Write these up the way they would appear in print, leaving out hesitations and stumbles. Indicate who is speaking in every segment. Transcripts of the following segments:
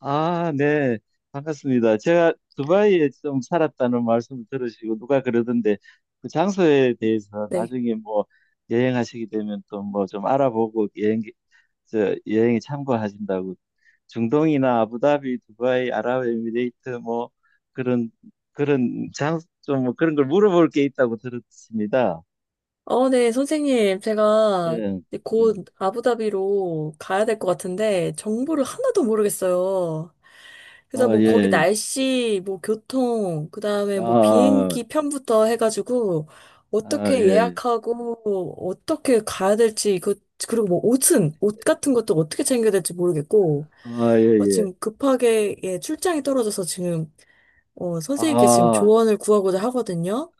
Speaker 1: 아, 네. 반갑습니다. 제가 두바이에 좀 살았다는 말씀을 들으시고 누가 그러던데 그 장소에 대해서
Speaker 2: 네.
Speaker 1: 나중에 뭐 여행하시게 되면 또 뭐 좀 알아보고 여행에 참고하신다고, 중동이나 아부다비, 두바이, 아랍에미레이트 뭐 그런 그런 장좀 뭐 그런 걸 물어볼 게 있다고 들었습니다.
Speaker 2: 어, 네, 선생님. 제가
Speaker 1: 예.
Speaker 2: 이제
Speaker 1: 음.
Speaker 2: 곧 아부다비로 가야 될 것 같은데, 정보를 하나도 모르겠어요. 그래서
Speaker 1: 아,
Speaker 2: 뭐 거기
Speaker 1: 예.
Speaker 2: 날씨, 뭐 교통, 그 다음에 뭐
Speaker 1: 아,
Speaker 2: 비행기 편부터 해가지고,
Speaker 1: 아,
Speaker 2: 어떻게
Speaker 1: 예.
Speaker 2: 예약하고, 어떻게 가야 될지, 그, 그리고 뭐 옷은, 옷 같은 것도 어떻게 챙겨야 될지 모르겠고,
Speaker 1: 아, 예,
Speaker 2: 어,
Speaker 1: 예.
Speaker 2: 지금 급하게, 예, 출장이 떨어져서 지금, 어, 선생님께 지금
Speaker 1: 아,
Speaker 2: 조언을 구하고자 하거든요.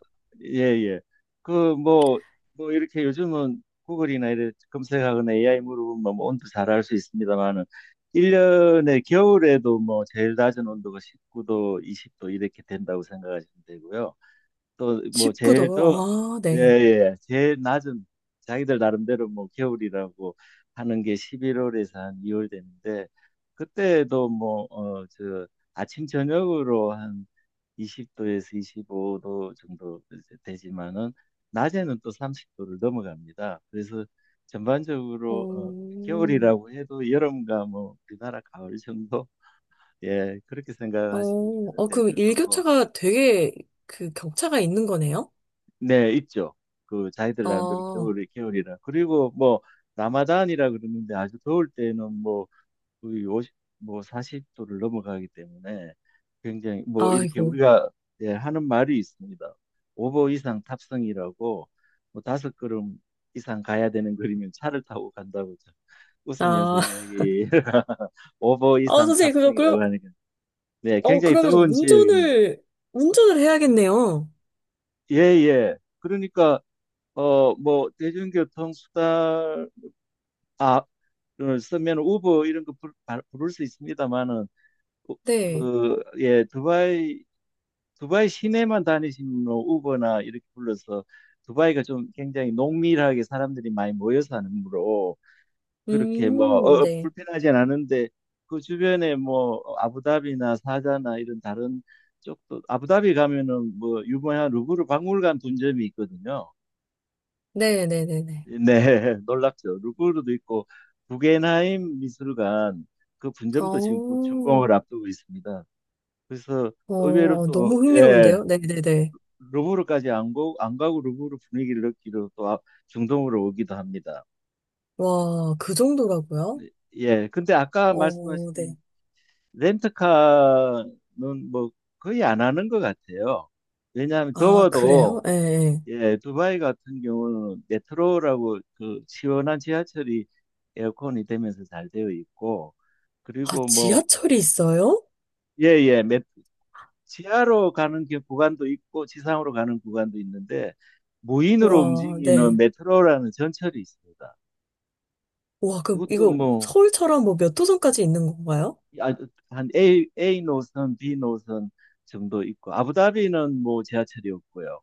Speaker 1: 예, 예. 그, 뭐, 이렇게 요즘은 구글이나 이래 검색하거나 AI 물어보면 뭐 온도 잘 알 수 있습니다만은, 1년에 겨울에도 뭐 제일 낮은 온도가 19도, 20도 이렇게 된다고 생각하시면 되고요. 또 뭐
Speaker 2: 19도,
Speaker 1: 제일 더.
Speaker 2: 아,
Speaker 1: 예, 예.
Speaker 2: 네.
Speaker 1: 예. 제일 낮은, 자기들 나름대로 뭐 겨울이라고 하는 게 11월에서 한 2월 되는데, 그때도 뭐 아침 저녁으로 한 20도에서 25도 정도 이제 되지만은 낮에는 또 30도를 넘어갑니다. 그래서 전반적으로
Speaker 2: 오,
Speaker 1: 겨울이라고 해도 여름과 뭐 우리나라 가을 정도, 예, 그렇게
Speaker 2: 어,
Speaker 1: 생각하시면
Speaker 2: 어,
Speaker 1: 될
Speaker 2: 그럼
Speaker 1: 것 같고.
Speaker 2: 일교차가 되게 그 격차가 있는 거네요?
Speaker 1: 네, 있죠. 그 자기들 나름대로
Speaker 2: 아,
Speaker 1: 겨울이 겨울이라. 그리고 뭐 라마단이라 그러는데, 아주 더울 때는 뭐 거의 오십, 뭐 40도를 넘어가기 때문에 굉장히 뭐 이렇게
Speaker 2: 아이고.
Speaker 1: 우리가, 예, 하는 말이 있습니다. 오보 이상 탑승이라고, 뭐 다섯 걸음 이상 가야 되는 거리면 차를 타고 간다고 웃으면서
Speaker 2: 아,
Speaker 1: 이야기 오보
Speaker 2: 어,
Speaker 1: 이상
Speaker 2: 선생님, 그럼,
Speaker 1: 탑승이라고 하니까. 네,
Speaker 2: 어,
Speaker 1: 굉장히
Speaker 2: 그러면서
Speaker 1: 더운 지역입니다.
Speaker 2: 운전을 해야겠네요.
Speaker 1: 예, 예. 그러니까 뭐 대중교통 수단을 쓰면 우버 이런 거 부를 수 있습니다만은
Speaker 2: 네.
Speaker 1: 그, 예, 두바이 시내만 다니시면 우버나 이렇게 불러서, 두바이가 좀 굉장히 농밀하게 사람들이 많이 모여 사는으로 그렇게 뭐
Speaker 2: 네.
Speaker 1: 불편하진 않은데 그 주변에 뭐 아부다비나 사자나 이런 다른 쪽도, 아부다비 가면은 뭐 유명한 루브르 박물관 분점이 있거든요. 네,
Speaker 2: 네네네네.
Speaker 1: 놀랍죠. 루브르도 있고 구겐하임 미술관 그
Speaker 2: 어,
Speaker 1: 분점도 지금 곧
Speaker 2: 어,
Speaker 1: 준공을 앞두고 있습니다. 그래서 의외로
Speaker 2: 어, 너무
Speaker 1: 또, 예,
Speaker 2: 흥미로운데요? 네네네.
Speaker 1: 루브르까지 안 가고 루브르 분위기를 느끼러 또 중동으로 오기도 합니다.
Speaker 2: 와, 그 정도라고요?
Speaker 1: 예, 근데 아까
Speaker 2: 어, 네.
Speaker 1: 말씀하신 렌트카는 뭐 거의 안 하는 것 같아요. 왜냐하면
Speaker 2: 아,
Speaker 1: 더워도,
Speaker 2: 그래요? 예, 예.
Speaker 1: 예, 두바이 같은 경우는 메트로라고 그 시원한 지하철이 에어컨이 되면서 잘 되어 있고.
Speaker 2: 아,
Speaker 1: 그리고 뭐,
Speaker 2: 지하철이 있어요?
Speaker 1: 예, 예, 지하로 가는 게 구간도 있고 지상으로 가는 구간도 있는데 무인으로
Speaker 2: 와,
Speaker 1: 움직이는
Speaker 2: 네.
Speaker 1: 메트로라는 전철이 있습니다.
Speaker 2: 와, 그,
Speaker 1: 그것도
Speaker 2: 이거
Speaker 1: 뭐,
Speaker 2: 서울처럼 뭐 몇 호선까지 있는 건가요?
Speaker 1: 아, 한 A 노선, B 노선 정도 있고 아부다비는 뭐 지하철이 없고요.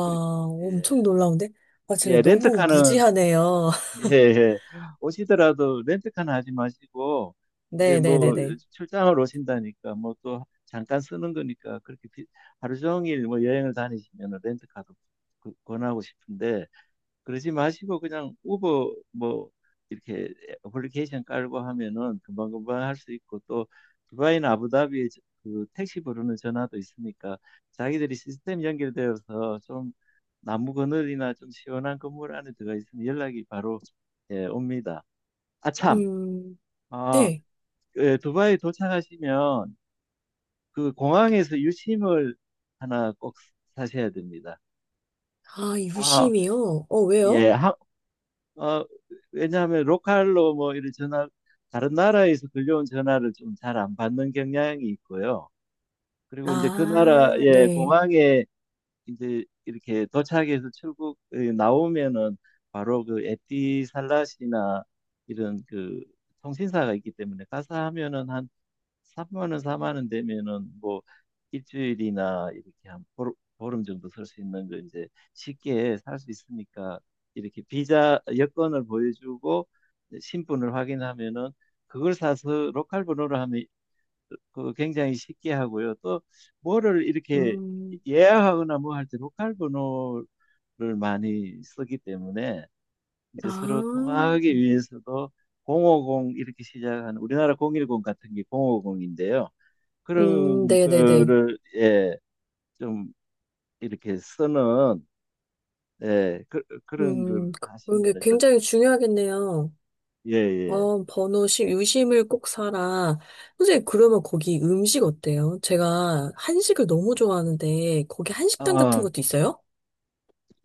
Speaker 1: 그리, 예,
Speaker 2: 엄청 놀라운데? 아, 제가
Speaker 1: 예,
Speaker 2: 너무
Speaker 1: 렌트카는,
Speaker 2: 무지하네요.
Speaker 1: 예, 예. 오시더라도 렌트카는 하지 마시고, 이제 뭐,
Speaker 2: 네네네네.
Speaker 1: 출장을 오신다니까, 뭐 또 잠깐 쓰는 거니까, 그렇게 하루 종일 뭐 여행을 다니시면 렌트카도 권하고 싶은데, 그러지 마시고 그냥 우버 뭐 이렇게 애플리케이션 깔고 하면은 금방금방 할 수 있고, 또 두바이나 아부다비에 그 택시 부르는 전화도 있으니까 자기들이 시스템 연결되어서, 좀 나무 그늘이나 좀 시원한 건물 안에 들어가 있으면 연락이 바로, 예, 옵니다. 아 참,
Speaker 2: 음,
Speaker 1: 아,
Speaker 2: 네.
Speaker 1: 그, 예, 두바이 도착하시면 그 공항에서 유심을 하나 꼭 사셔야 됩니다.
Speaker 2: 아,
Speaker 1: 아,
Speaker 2: 유심이요? 어, 왜요?
Speaker 1: 예, 어, 왜냐하면 로컬로 뭐 이런 전화, 다른 나라에서 들려온 전화를 좀 잘 안 받는 경향이 있고요. 그리고 이제 그
Speaker 2: 아,
Speaker 1: 나라의
Speaker 2: 네.
Speaker 1: 공항에 이제 이렇게 도착해서 출국, 나오면은 바로 그 에티살랏이나 이런 그 통신사가 있기 때문에, 가서 하면은 3만 원, 4만 원 되면은 뭐 일주일이나 이렇게 한 보름, 보름 정도 살 수 있는 거 이제 쉽게 살 수 있으니까, 이렇게 비자 여권을 보여주고 신분을 확인하면은 그걸 사서 로컬 번호로 하면 그 굉장히 쉽게 하고요. 또 뭐를 이렇게
Speaker 2: 음,
Speaker 1: 예약하거나 뭐 할 때 로컬 번호를 많이 쓰기 때문에
Speaker 2: 아,
Speaker 1: 이제 서로 통하기 위해서도 050 이렇게 시작하는 우리나라 010 같은 게 050인데요. 그런
Speaker 2: 네네네.
Speaker 1: 거를, 예, 좀 이렇게 쓰는, 예, 그런 걸
Speaker 2: 음, 그런 게
Speaker 1: 하시면은 좋죠.
Speaker 2: 굉장히 중요하겠네요.
Speaker 1: 예, 예.
Speaker 2: 어, 번호 시 유심을 꼭 사라. 선생님, 그러면 거기 음식 어때요? 제가 한식을 너무 좋아하는데, 거기 한식당 같은
Speaker 1: 아,
Speaker 2: 것도 있어요?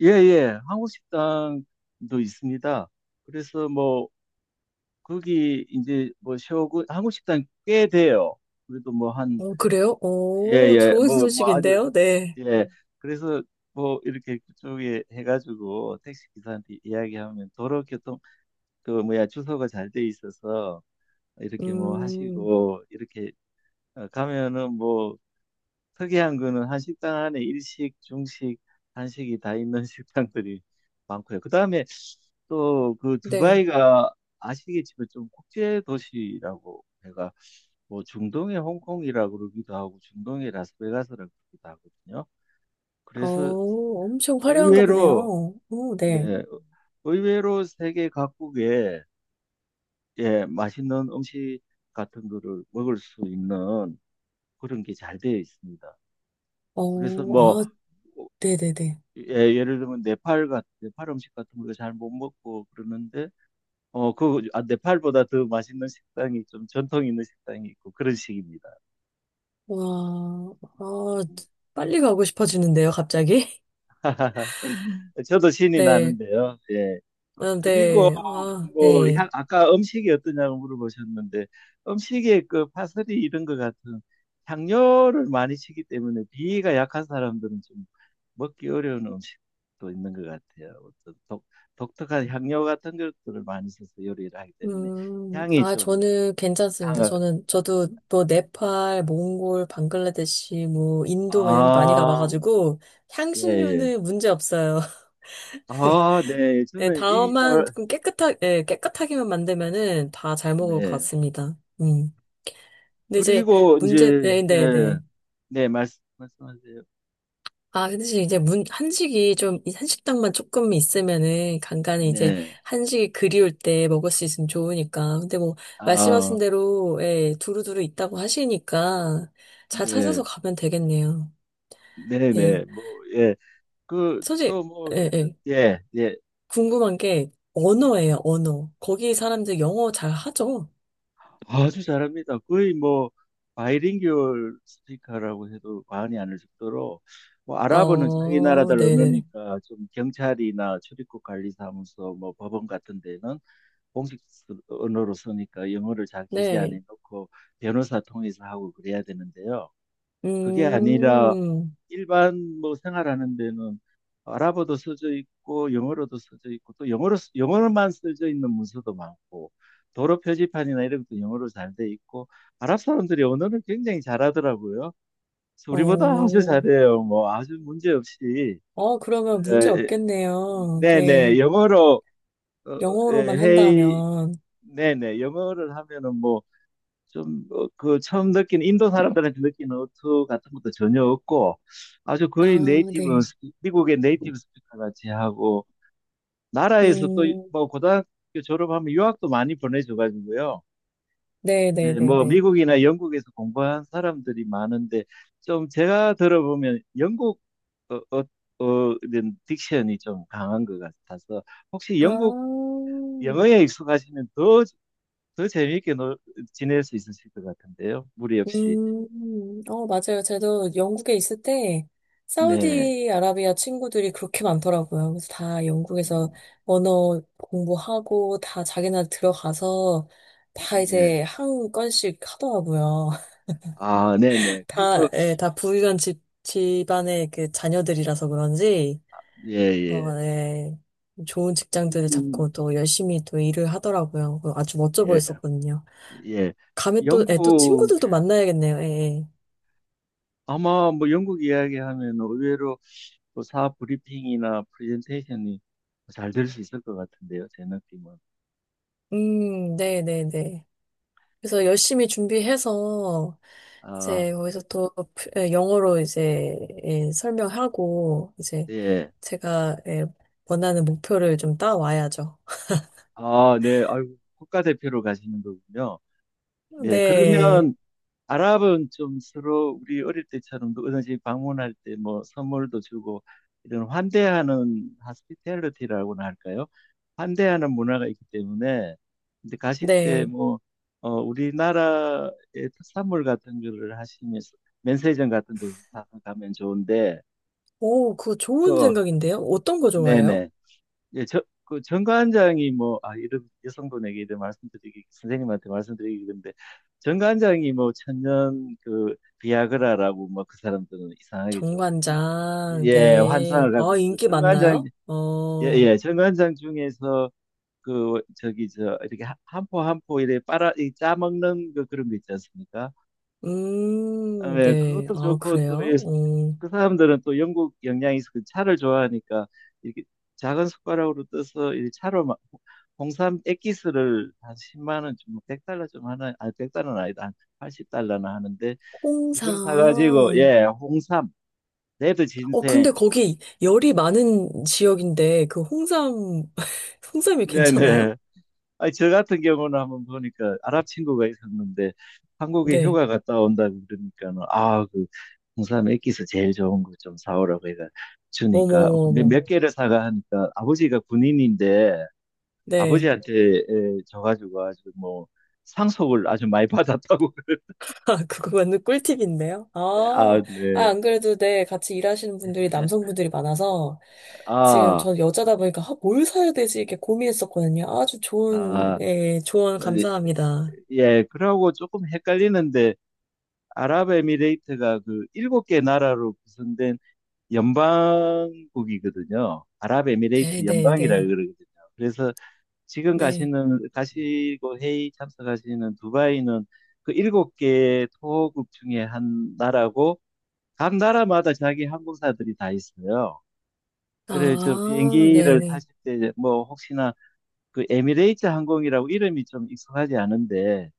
Speaker 1: 예, 예. 한국 식당도 있습니다. 그래서 뭐 거기 이제 뭐 쇼군 한국 식당 꽤 돼요. 그래도 뭐 한,
Speaker 2: 어, 그래요?
Speaker 1: 예,
Speaker 2: 오,
Speaker 1: 예.
Speaker 2: 좋은
Speaker 1: 뭐 아주.
Speaker 2: 소식인데요? 네.
Speaker 1: 예. 그래서 뭐 이렇게 그쪽에 해가지고 택시 기사한테 이야기하면 도로교통 그 뭐야 주소가 잘 돼 있어서 이렇게 뭐
Speaker 2: 음,
Speaker 1: 하시고 이렇게 가면은 뭐 특이한 거는 한 식당 안에 일식, 중식, 한식이 다 있는 식당들이 많고요. 그다음에 또 그
Speaker 2: 네.
Speaker 1: 두바이가 아시겠지만 좀 국제 도시라고 제가 뭐 중동의 홍콩이라고 그러기도 하고 중동의 라스베가스라고 그러기도 하거든요.
Speaker 2: 어,
Speaker 1: 그래서
Speaker 2: 엄청 화려한가
Speaker 1: 의외로,
Speaker 2: 보네요. 오, 네.
Speaker 1: 네, 의외로 세계 각국에, 예, 맛있는 음식 같은 거를 먹을 수 있는 그런 게 잘 되어 있습니다.
Speaker 2: 어,
Speaker 1: 그래서 뭐.
Speaker 2: 아,
Speaker 1: 음. 어,
Speaker 2: 네네네.
Speaker 1: 예, 예를 들면 네팔 음식 같은 거 잘 못 먹고 그러는데 네팔보다 더 맛있는 식당이 좀 전통 있는 식당이 있고 그런 식입니다.
Speaker 2: 와, 아,
Speaker 1: 네.
Speaker 2: 빨리 가고 싶어지는데요, 갑자기?
Speaker 1: 저도 신이
Speaker 2: 네.
Speaker 1: 나는데요. 예.
Speaker 2: 아,
Speaker 1: 그리고
Speaker 2: 네. 아,
Speaker 1: 뭐
Speaker 2: 네.
Speaker 1: 아까 음식이 어떠냐고 물어보셨는데 음식에 그 파슬리 이런 것 같은 향료를 많이 치기 때문에 비위가 약한 사람들은 좀 먹기 어려운 음식도 있는 것 같아요. 어떤 독특한 향료 같은 것들을 많이 써서 요리를 하기 때문에 향이
Speaker 2: 아,
Speaker 1: 좀
Speaker 2: 저는 괜찮습니다.
Speaker 1: 강하.
Speaker 2: 저도 뭐, 네팔, 몽골, 방글라데시, 뭐, 인도, 뭐 이런 데 많이
Speaker 1: 아,
Speaker 2: 가봐가지고,
Speaker 1: 예, 예.
Speaker 2: 향신료는 문제 없어요.
Speaker 1: 아, 네.
Speaker 2: 네,
Speaker 1: 저는 입이
Speaker 2: 다만
Speaker 1: 잘.
Speaker 2: 좀 깨끗하게, 네, 깨끗하게만 만들면은 다 잘 먹을 것
Speaker 1: 네.
Speaker 2: 같습니다. 음. 근데 이제
Speaker 1: 그리고
Speaker 2: 문제,
Speaker 1: 이제,
Speaker 2: 네, 네,
Speaker 1: 예,
Speaker 2: 네.
Speaker 1: 네, 말씀하세요.
Speaker 2: 아, 근데 지금 이제 문, 한식이 좀, 이 한식당만 조금 있으면은 간간히 이제
Speaker 1: 네.
Speaker 2: 한식이 그리울 때 먹을 수 있으면 좋으니까. 근데 뭐,
Speaker 1: 아,
Speaker 2: 말씀하신 대로, 예, 두루두루 있다고 하시니까 잘 찾아서
Speaker 1: 네,
Speaker 2: 가면 되겠네요.
Speaker 1: 네,
Speaker 2: 네.
Speaker 1: 네, 뭐, 예, 그,
Speaker 2: 솔직히,
Speaker 1: 또 뭐,
Speaker 2: 예, 예.
Speaker 1: 예, 예,
Speaker 2: 궁금한 게
Speaker 1: 예.
Speaker 2: 언어예요, 언어. 거기 사람들 영어 잘 하죠?
Speaker 1: 아주 잘합니다. 거의 뭐, 바이링구얼 스피커라고 해도 과언이 아닐 정도로, 뭐, 아랍어는 자기
Speaker 2: 어,
Speaker 1: 나라들
Speaker 2: 네네.
Speaker 1: 언어니까 좀 경찰이나 출입국 관리사무소, 뭐, 법원 같은 데는 공식 언어로 쓰니까 영어를 잘 기재
Speaker 2: 네.
Speaker 1: 안에 넣고 변호사 통해서 하고 그래야 되는데요. 그게 아니라,
Speaker 2: 음,
Speaker 1: 일반 뭐 생활하는 데는 아랍어도 써져 있고 영어로도 써져 있고 또 영어로만 써져 있는 문서도 많고 도로 표지판이나 이런 것도 영어로 잘 돼 있고, 아랍 사람들이 언어를 굉장히 잘하더라고요. 그래서 우리보다 아주
Speaker 2: 어,
Speaker 1: 잘해요. 뭐 아주 문제 없이,
Speaker 2: 어, 그러면 문제
Speaker 1: 에,
Speaker 2: 없겠네요.
Speaker 1: 네네,
Speaker 2: 네.
Speaker 1: 영어로. 어, 어, 예,
Speaker 2: 영어로만
Speaker 1: 회의.
Speaker 2: 한다면.
Speaker 1: 네네, 영어를 하면은 뭐 좀, 어, 그 처음 느낀 인도 사람들한테 느끼는 어투 같은 것도 전혀 없고 아주
Speaker 2: 아,
Speaker 1: 거의
Speaker 2: 네.
Speaker 1: 미국의 네이티브 스피커 같이 하고 나라에서 또
Speaker 2: 음,
Speaker 1: 뭐 고등학교 졸업하면 유학도 많이 보내줘가지고요. 이제
Speaker 2: 네네네네.
Speaker 1: 뭐 미국이나 영국에서 공부한 사람들이 많은데, 좀 제가 들어보면 영국, 어, 어, 이런 딕션이 좀 강한 것 같아서 혹시
Speaker 2: 아,
Speaker 1: 영국 영어에 익숙하시면 더 더 재미있게 지낼 수 있으실 것 같은데요. 무리 없이.
Speaker 2: 어, 맞아요. 저도 영국에 있을 때,
Speaker 1: 네.
Speaker 2: 사우디아라비아 친구들이 그렇게 많더라고요. 그래서 다 영국에서
Speaker 1: 음,
Speaker 2: 언어 공부하고, 다 자기네 들어가서, 다 이제
Speaker 1: 예.
Speaker 2: 한 건씩 하더라고요.
Speaker 1: 아, 네네. 그래서,
Speaker 2: 다, 예, 다 부유한 집, 집안의 그 자녀들이라서 그런지,
Speaker 1: 예,
Speaker 2: 어,
Speaker 1: 예.
Speaker 2: 예, 좋은 직장들을
Speaker 1: 음,
Speaker 2: 잡고 또 열심히 또 일을 하더라고요. 그 아주 멋져
Speaker 1: 예,
Speaker 2: 보였었거든요.
Speaker 1: 예.
Speaker 2: 감면 또, 예, 또 친구들도
Speaker 1: 영국에,
Speaker 2: 만나야겠네요. 예, 예.
Speaker 1: 아마 뭐 영국 이야기하면 의외로 또 사업 브리핑이나 프레젠테이션이 잘 될 수 있을 것 같은데요, 제 느낌은.
Speaker 2: 네네네. 그래서 열심히 준비해서,
Speaker 1: 아,
Speaker 2: 이제 거기서 또 프- 예, 영어로 이제 예, 설명하고, 이제
Speaker 1: 예.
Speaker 2: 제가 예, 원하는 목표를 좀 따와야죠.
Speaker 1: 아, 네. 아이고, 국가대표로 가시는 거군요. 네.
Speaker 2: 네,
Speaker 1: 그러면 아랍은 좀 서로 우리 어릴 때처럼 누구든지 방문할 때 뭐 선물도 주고 이런 환대하는 하스피텔리티라고나 할까요? 환대하는 문화가 있기 때문에 이제 가실 때
Speaker 2: 네.
Speaker 1: 뭐, 우리나라의 특산물 같은 거를 하시면서 면세점 같은 데서 사서 가면 좋은데,
Speaker 2: 오, 그거 좋은
Speaker 1: 그,
Speaker 2: 생각인데요? 어떤 거 좋아해요?
Speaker 1: 네네, 예, 저, 그 정관장이 뭐, 아, 이런 여성분에게 이런 말씀드리기, 선생님한테 말씀드리기 그런데, 정관장이 뭐, 천년 그, 비아그라라고, 뭐, 그 사람들은 이상하게 좀,
Speaker 2: 정관장,
Speaker 1: 예, 환상을
Speaker 2: 네.
Speaker 1: 갖고
Speaker 2: 아,
Speaker 1: 있어요.
Speaker 2: 인기
Speaker 1: 정관장,
Speaker 2: 많나요?
Speaker 1: 예,
Speaker 2: 어,
Speaker 1: 예, 정관장 중에서 그, 저기, 저, 이렇게 한포 한포 이렇게 빨아, 이 짜먹는 그런 거 있지 않습니까? 아, 네,
Speaker 2: 네.
Speaker 1: 그것도
Speaker 2: 아,
Speaker 1: 좋고 또 이,
Speaker 2: 그래요? 어,
Speaker 1: 그 사람들은 또 영국 영향이 있어 서 차를 좋아하니까 이렇게 작은 숟가락으로 떠서 이 차로 막 홍삼 액기스를 한 십만 원 좀, 백 달러 좀 하나, 아1달러는 아니다. 한 80달러나 하는데 그걸
Speaker 2: 홍삼.
Speaker 1: 사가지고, 예, 홍삼, 레드
Speaker 2: 어, 근데
Speaker 1: 진생.
Speaker 2: 거기 열이 많은 지역인데, 그 홍삼, 홍삼이 괜찮아요?
Speaker 1: 네네. 아니, 저 같은 경우는 한번 보니까 아랍 친구가 있었는데 한국에
Speaker 2: 네.
Speaker 1: 휴가 갔다 온다고 그러니까는, 아, 그 홍삼 액기스 제일 좋은 거 좀 사오라고 해서 주니까, 근데
Speaker 2: 어머머머.
Speaker 1: 몇 개를 사가 하니까 아버지가 군인인데
Speaker 2: 네.
Speaker 1: 아버지한테, 줘가지고 아주 뭐 상속을 아주 많이 받았다고 그래.
Speaker 2: 아, 그거 완전 꿀팁인데요?
Speaker 1: 아,
Speaker 2: 아, 아,
Speaker 1: 네.
Speaker 2: 안 그래도 네, 같이 일하시는 분들이 남성분들이 많아서 지금
Speaker 1: 아,
Speaker 2: 전 여자다 보니까 아, 뭘 사야 되지? 이렇게 고민했었거든요. 아주 좋은,
Speaker 1: 아,
Speaker 2: 예, 조언
Speaker 1: 네.
Speaker 2: 감사합니다.
Speaker 1: 예, 그러고 조금 헷갈리는데 아랍에미레이트가 그 일곱 개 나라로 구성된 연방국이거든요.
Speaker 2: 네,
Speaker 1: 아랍에미레이트
Speaker 2: 네,
Speaker 1: 연방이라
Speaker 2: 네,
Speaker 1: 그러거든요. 그래서 지금
Speaker 2: 네.
Speaker 1: 가시는 가시고 회의 참석하시는 두바이는 그 일곱 개 토호국 중에 한 나라고, 각 나라마다 자기 항공사들이 다 있어요. 그래서
Speaker 2: 아, 네,
Speaker 1: 비행기를
Speaker 2: 네.
Speaker 1: 타실 때 뭐 혹시나 그 에미레이트 항공이라고 이름이 좀 익숙하지 않은데,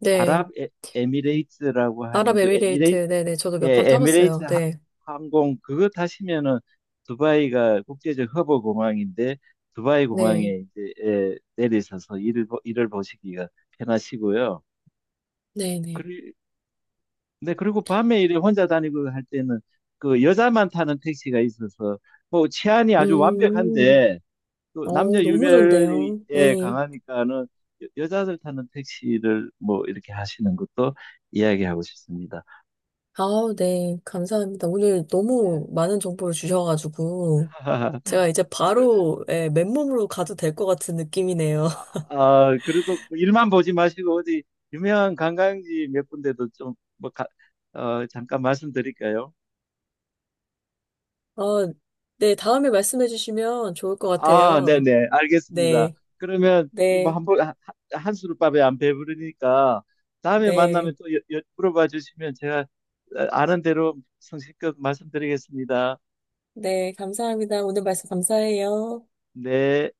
Speaker 2: 네.
Speaker 1: 아랍 미레이트라고 하는 그
Speaker 2: 아랍에미레이트,
Speaker 1: 에미레이트,
Speaker 2: 네, 네. 저도 몇 번
Speaker 1: 예, 에미레이트
Speaker 2: 타봤어요. 네,
Speaker 1: 항공 그거 타시면은, 두바이가 국제적 허브 공항인데 두바이
Speaker 2: 네,
Speaker 1: 공항에 이제, 예, 내리셔서 일을 보시기가 편하시고요.
Speaker 2: 네, 네.
Speaker 1: 그리, 네, 그리고 밤에 이래 혼자 다니고 할 때는 그 여자만 타는 택시가 있어서 뭐 치안이 아주
Speaker 2: 음,
Speaker 1: 완벽한데 또 남녀
Speaker 2: 어, 너무
Speaker 1: 유별이,
Speaker 2: 좋은데요.
Speaker 1: 예,
Speaker 2: 네.
Speaker 1: 강하니까는 여자들 타는 택시를 뭐 이렇게 하시는 것도 이야기하고 싶습니다.
Speaker 2: 아, 네, 감사합니다. 오늘
Speaker 1: 예.
Speaker 2: 너무 많은 정보를 주셔가지고, 제가 이제 바로, 예, 맨몸으로 가도 될 것 같은 느낌이네요.
Speaker 1: 아, 그래도 뭐 일만 보지 마시고 어디 유명한 관광지 몇 군데도 좀 뭐, 어, 잠깐 말씀드릴까요?
Speaker 2: 아, 네, 다음에 말씀해 주시면 좋을 것
Speaker 1: 아,
Speaker 2: 같아요.
Speaker 1: 네네, 알겠습니다.
Speaker 2: 네,
Speaker 1: 그러면 이거 뭐
Speaker 2: 네,
Speaker 1: 한번 한 수르밥에 안 배부르니까 다음에 만나면
Speaker 2: 네,
Speaker 1: 또 물어봐 주시면 제가 아는 대로 성실껏 말씀드리겠습니다.
Speaker 2: 네, 감사합니다. 오늘 말씀 감사해요.
Speaker 1: 네.